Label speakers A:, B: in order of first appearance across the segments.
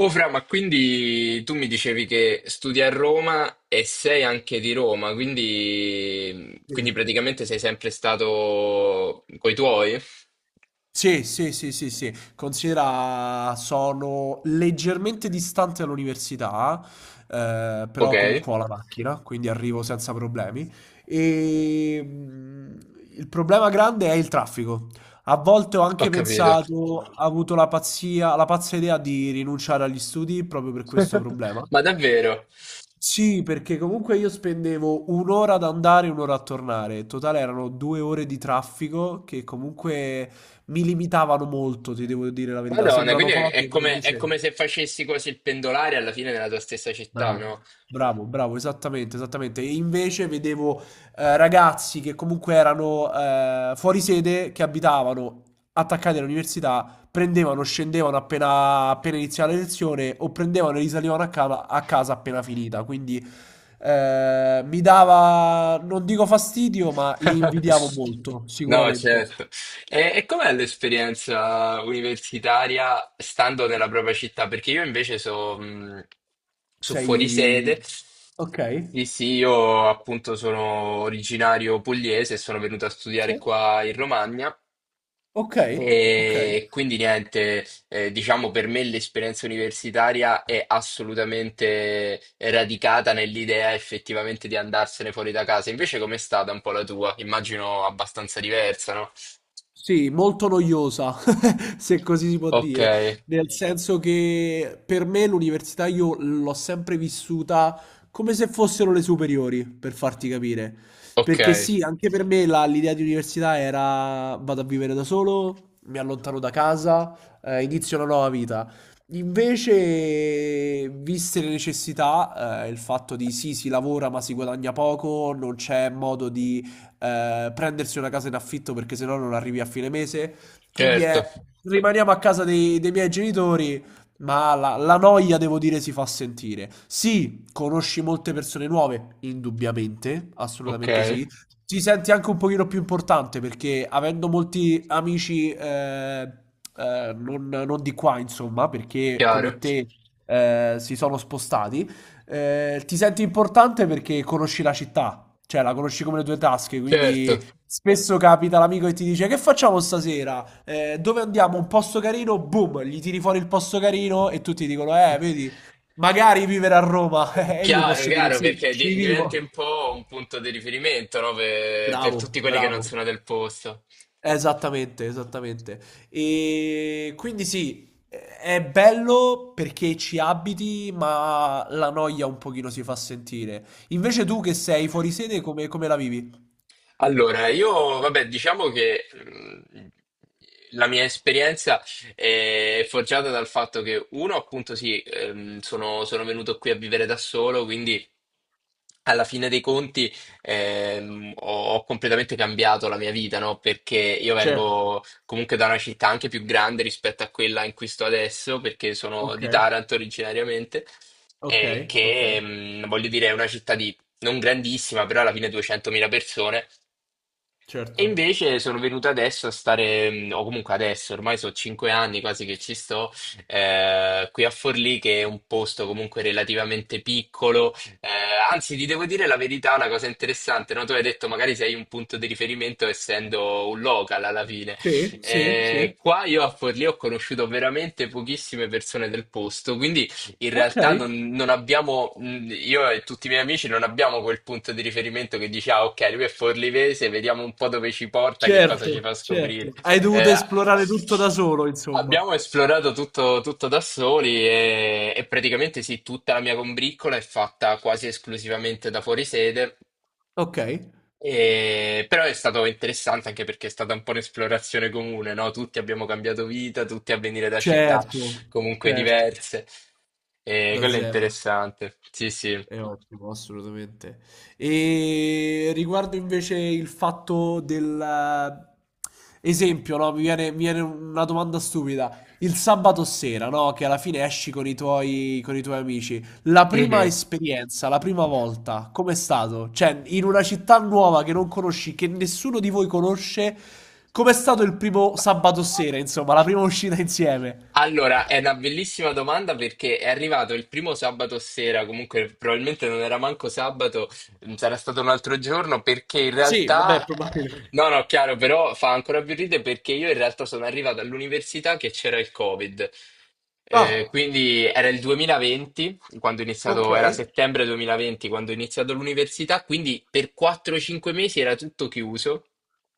A: Oh Fra, ma quindi tu mi dicevi che studi a Roma e sei anche di Roma, quindi,
B: Sì.
A: quindi praticamente sei sempre stato coi tuoi?
B: Sì, sì, sì, sì, sì. Considera sono leggermente distante all'università,
A: Ok,
B: però comunque ho la macchina, quindi arrivo senza problemi. E il problema grande è il traffico. A volte ho
A: ho
B: anche
A: capito.
B: pensato, ho avuto la pazzia, la pazza idea di rinunciare agli studi proprio per questo problema.
A: Ma davvero?
B: Sì, perché comunque io spendevo un'ora ad andare e un'ora a tornare. In totale erano due ore di traffico che comunque mi limitavano molto, ti devo dire la verità.
A: Madonna,
B: Sembrano
A: quindi
B: poche, ma
A: è
B: invece...
A: come se facessi quasi il pendolare alla fine nella tua stessa città,
B: Bravo,
A: no?
B: bravo, bravo, esattamente, esattamente. E invece vedevo ragazzi che comunque erano fuori sede, che abitavano attaccati all'università, prendevano, scendevano appena, appena iniziava la lezione o prendevano e risalivano a casa appena finita. Quindi mi dava, non dico fastidio, ma li invidiavo molto,
A: No,
B: sicuramente.
A: certo. E com'è l'esperienza universitaria stando nella propria città? Perché io invece so, so fuori
B: Sei...
A: sede.
B: Ok?
A: Sì, sì, io appunto sono originario pugliese e sono venuto a
B: Sì.
A: studiare qua in Romagna.
B: Okay, okay.
A: E quindi niente, diciamo per me l'esperienza universitaria è assolutamente radicata nell'idea effettivamente di andarsene fuori da casa. Invece com'è stata un po' la tua? Immagino abbastanza diversa, no?
B: Sì, molto noiosa, se così si può
A: Ok,
B: dire, nel senso che per me l'università io l'ho sempre vissuta come se fossero le superiori, per farti capire.
A: ok,
B: Perché sì, anche per me la l'idea di università era: vado a vivere da solo, mi allontano da casa, inizio una nuova vita. Invece, viste le necessità, il fatto di sì, si lavora ma si guadagna poco, non c'è modo di prendersi una casa in affitto perché sennò non arrivi a fine mese. Quindi
A: certo,
B: è rimaniamo a casa dei miei genitori, ma la noia, devo dire, si fa sentire. Sì, conosci molte persone nuove, indubbiamente,
A: ok,
B: assolutamente sì. Ti senti anche un pochino più importante perché avendo molti amici non di qua, insomma, perché come
A: chiaro,
B: te si sono spostati, ti senti importante perché conosci la città. Cioè, la conosci come le tue tasche,
A: certo.
B: quindi spesso capita l'amico che ti dice: Che facciamo stasera? Dove andiamo? Un posto carino? Boom, gli tiri fuori il posto carino e tutti dicono: vedi, magari vivere a Roma. E io
A: Chiaro,
B: posso dire:
A: chiaro,
B: Sì,
A: perché
B: ci
A: diventi
B: vivo.
A: un po' un punto di riferimento, no? Per
B: Bravo,
A: tutti quelli che non
B: bravo.
A: sono del posto.
B: Esattamente, esattamente. E quindi sì, è bello perché ci abiti, ma la noia un pochino si fa sentire. Invece tu che sei fuori sede, come, come la vivi?
A: Allora, io, vabbè, diciamo che la mia esperienza è forgiata dal fatto che, uno, appunto, sì, sono, sono venuto qui a vivere da solo, quindi alla fine dei conti, ho, ho completamente cambiato la mia vita, no? Perché io
B: Certo,
A: vengo comunque da una città anche più grande rispetto a quella in cui sto adesso, perché sono di
B: okay,
A: Taranto originariamente, e
B: okay, okay,
A: che, voglio dire, è una città di non grandissima, però alla fine 200.000 persone, e
B: certo.
A: invece sono venuto adesso a stare, o comunque adesso, ormai sono cinque anni quasi che ci sto, qui a Forlì, che è un posto comunque relativamente piccolo. Eh, anzi, ti devo dire la verità, una cosa interessante, no? Tu hai detto magari sei un punto di riferimento essendo un local alla fine.
B: Sì, sì, sì.
A: Qua io a Forlì ho conosciuto veramente pochissime persone del posto, quindi in realtà
B: Okay,
A: non, non abbiamo, io e tutti i miei amici non abbiamo quel punto di riferimento che dice, ah, ok, lui è forlivese, vediamo un po' dove ci porta, che cosa ci
B: certo,
A: fa scoprire.
B: certo. Hai dovuto
A: Eh,
B: esplorare tutto da solo insomma.
A: Abbiamo esplorato tutto, tutto da soli e praticamente sì, tutta la mia combriccola è fatta quasi esclusivamente da fuorisede,
B: Okay,
A: però è stato interessante anche perché è stata un po' un'esplorazione comune, no? Tutti abbiamo cambiato vita, tutti a venire da città
B: certo,
A: comunque
B: certo,
A: diverse, e
B: da
A: quello è
B: zero.
A: interessante, sì, sì.
B: È ottimo, assolutamente. E riguardo invece il fatto del esempio, no? Mi viene una domanda stupida. Il sabato sera, no? Che alla fine esci con i tuoi amici. La prima
A: Mhm.
B: esperienza, la prima volta, com'è stato? Cioè, in una città nuova che non conosci, che nessuno di voi conosce, com'è stato il primo sabato sera, insomma, la prima uscita insieme?
A: Allora, è una bellissima domanda perché è arrivato il primo sabato sera, comunque probabilmente non era manco sabato, sarà stato un altro giorno perché in
B: Sì, vabbè,
A: realtà,
B: probabile.
A: no, no, chiaro, però fa ancora più ridere perché io in realtà sono arrivato all'università che c'era il Covid.
B: Ah,
A: Quindi era il 2020, quando ho
B: ok,
A: iniziato, era settembre 2020 quando ho iniziato l'università, quindi per 4-5 mesi era tutto chiuso.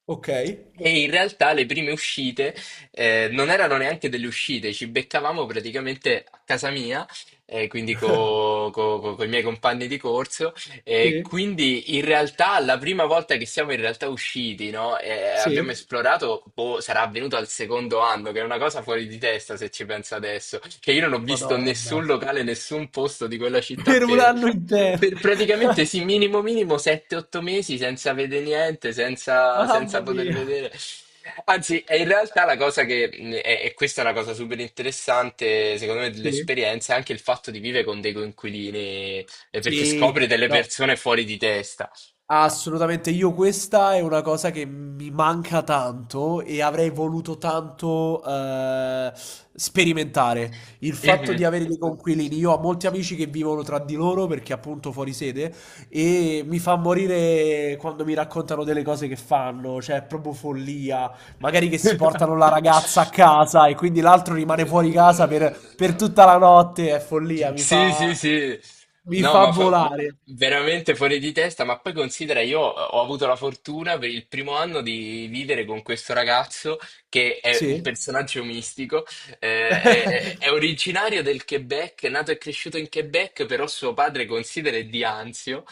B: ok.
A: E in realtà le prime uscite, non erano neanche delle uscite, ci beccavamo praticamente a casa mia, quindi con i miei compagni di corso. E
B: Sì,
A: quindi in realtà la prima volta che siamo in realtà usciti, no? E
B: sì.
A: abbiamo esplorato, boh, sarà avvenuto al secondo anno, che è una cosa fuori di testa se ci penso adesso, che io non ho visto
B: Madonna,
A: nessun locale, nessun posto di quella città
B: per un anno intero.
A: per praticamente sì, minimo minimo 7-8 mesi senza vedere niente, senza, senza
B: Mamma
A: poter
B: mia.
A: vedere. Anzi, è in realtà la cosa che, e questa è una cosa super interessante, secondo me,
B: Sì.
A: dell'esperienza, è anche il fatto di vivere con dei coinquilini, perché
B: Sì,
A: scopri delle
B: no.
A: persone fuori di testa.
B: Assolutamente, io questa è una cosa che mi manca tanto e avrei voluto tanto sperimentare. Il fatto di
A: Mhm.
B: avere dei conquilini, io ho molti amici che vivono tra di loro perché appunto fuori sede e mi fa morire quando mi raccontano delle cose che fanno, cioè è proprio follia. Magari che si portano la ragazza a casa e quindi l'altro rimane fuori casa
A: Mm,
B: per tutta la notte, è follia,
A: sì, sì, sì.
B: mi
A: No,
B: fa
A: ma fa-
B: volare.
A: veramente fuori di testa. Ma poi considera, io ho avuto la fortuna per il primo anno di vivere con questo ragazzo che è un
B: Sì.
A: personaggio mistico. Eh, è originario del Quebec, è nato e cresciuto in Quebec, però suo padre considera è di Anzio.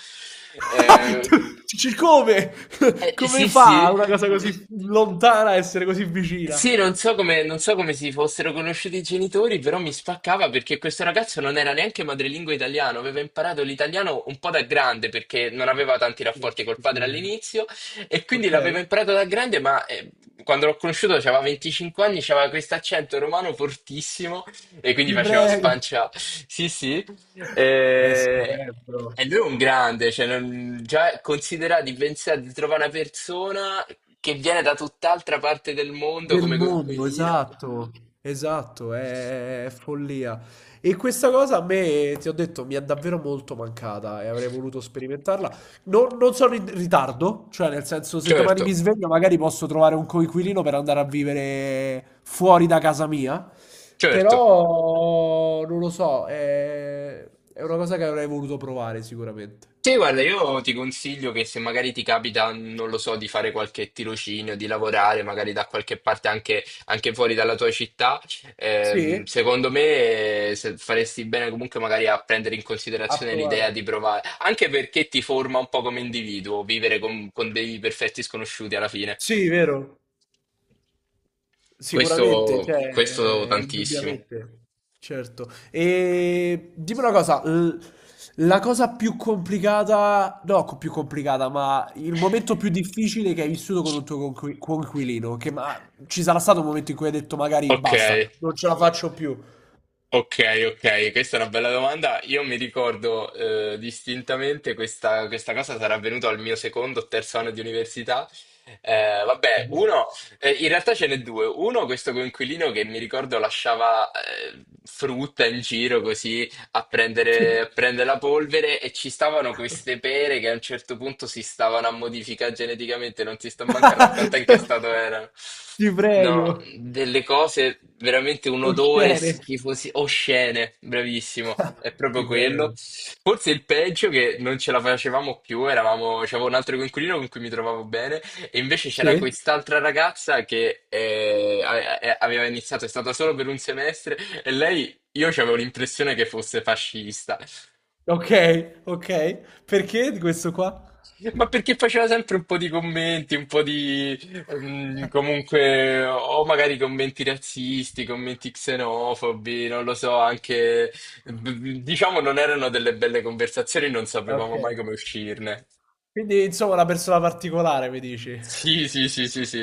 A: Eh,
B: Tu dici come? Come
A: sì,
B: fa
A: sì.
B: una cosa così lontana a essere così vicina?
A: Sì, non so come, non so come si fossero conosciuti i genitori, però mi spaccava perché questo ragazzo non era neanche madrelingua italiano, aveva imparato l'italiano un po' da grande perché non aveva tanti
B: Non
A: rapporti
B: ci
A: col padre
B: credo.
A: all'inizio e quindi l'aveva
B: Okay,
A: imparato da grande, ma quando l'ho conosciuto aveva 25 anni, aveva questo accento romano fortissimo e quindi
B: ti
A: faceva
B: prego.
A: spancia. Sì, sì.
B: È
A: Eh,
B: stupendo.
A: e lui è un grande, cioè già considera di pensare di trovare una persona che viene da tutt'altra parte del mondo
B: Del
A: come
B: mondo,
A: coinquilino.
B: esatto, esatto, è follia. E questa cosa a me, ti ho detto, mi è davvero molto mancata e avrei voluto sperimentarla. Non sono in ritardo, cioè nel senso se domani
A: Certo,
B: mi sveglio magari posso trovare un coinquilino per andare a vivere fuori da casa mia,
A: certo.
B: però non lo so, è una cosa che avrei voluto provare sicuramente.
A: Sì, guarda, io ti consiglio che se magari ti capita, non lo so, di fare qualche tirocinio, di lavorare magari da qualche parte anche, anche fuori dalla tua città,
B: Sì?
A: secondo me, faresti bene comunque magari a prendere in
B: A
A: considerazione l'idea
B: provare.
A: di provare, anche perché ti forma un po' come individuo, vivere con dei perfetti sconosciuti alla fine.
B: Sì, vero. Sicuramente, cioè,
A: Questo tantissimo.
B: indubbiamente, certo. E dimmi una cosa, la cosa più complicata, no, più complicata, ma il momento più difficile che hai vissuto con un tuo coinquilino, che ma ci sarà stato un momento in cui hai detto magari
A: Ok,
B: basta, non ce la faccio più.
A: ok, ok, questa è una bella domanda. Io mi ricordo distintamente questa, questa cosa sarà avvenuta al mio secondo o terzo anno di università. Vabbè,
B: Mhm.
A: uno, in realtà ce n'è due. Uno, questo coinquilino che mi ricordo lasciava frutta in giro così a prendere la polvere e ci stavano queste pere che a un certo punto si stavano a modificare geneticamente, non ti sto manco a raccontare in che stato erano.
B: Ti prego,
A: No, delle cose veramente un odore
B: oscene,
A: schifosi, oscene, bravissimo, è proprio
B: ti
A: quello.
B: prego.
A: Forse il peggio che non ce la facevamo più, eravamo, c'avevo un altro coinquilino con cui mi trovavo bene, e invece c'era
B: Sì?
A: quest'altra ragazza che aveva iniziato, è stata solo per un semestre, e lei, io avevo l'impressione che fosse fascista,
B: Ok, ok. Perché di questo qua?
A: ma perché faceva sempre un po' di commenti, un po' di comunque, o magari commenti razzisti, commenti xenofobi, non lo so, anche diciamo non erano delle belle conversazioni, non
B: Ok.
A: sapevamo mai come uscirne.
B: Quindi, insomma, una persona particolare, mi dici?
A: Sì, sì, sì, sì, sì.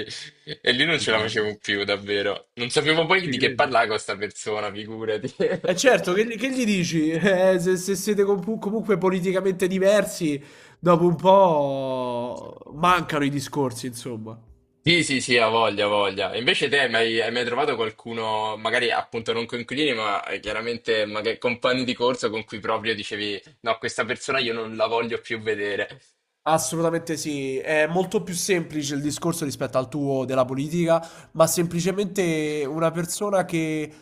A: E lì non
B: Ti
A: ce la
B: prego.
A: facevo più, davvero. Non sapevo poi
B: Ci
A: di che
B: credo.
A: parlare con sta persona, figurati.
B: E certo, che gli dici? Se, se siete comunque politicamente diversi, dopo un po' mancano i discorsi, insomma.
A: Sì, sì, sì, ha voglia, ha voglia. E invece te hai mai trovato qualcuno, magari appunto non coinquilini, ma chiaramente magari compagni di corso con cui proprio dicevi, no, questa persona io non la voglio più vedere.
B: Assolutamente sì, è molto più semplice il discorso rispetto al tuo della politica, ma semplicemente una persona che,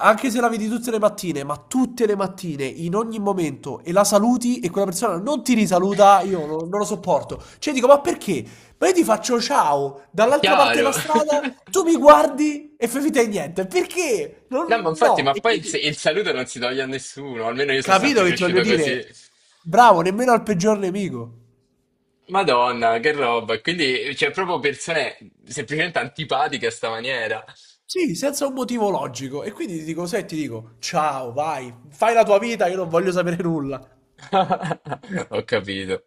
B: anche se la vedi tutte le mattine, ma tutte le mattine, in ogni momento, e la saluti e quella persona non ti risaluta, io non lo sopporto. Cioè dico, ma perché? Ma io ti faccio ciao
A: È
B: dall'altra parte della
A: chiaro.
B: strada, tu mi guardi e fai finta di niente. Perché?
A: No, ma
B: Non-
A: infatti,
B: no.
A: ma
B: E
A: poi
B: quindi,
A: il saluto non si toglie a nessuno, almeno io sono
B: capito
A: sempre
B: che ti voglio
A: cresciuto così.
B: dire? Bravo, nemmeno al peggior nemico.
A: Madonna, che roba. Quindi c'è proprio persone semplicemente antipatiche a sta maniera.
B: Sì, senza un motivo logico. E quindi ti dico, sai, ti dico, ciao, vai, fai la tua vita, io non voglio sapere nulla.
A: Ho capito.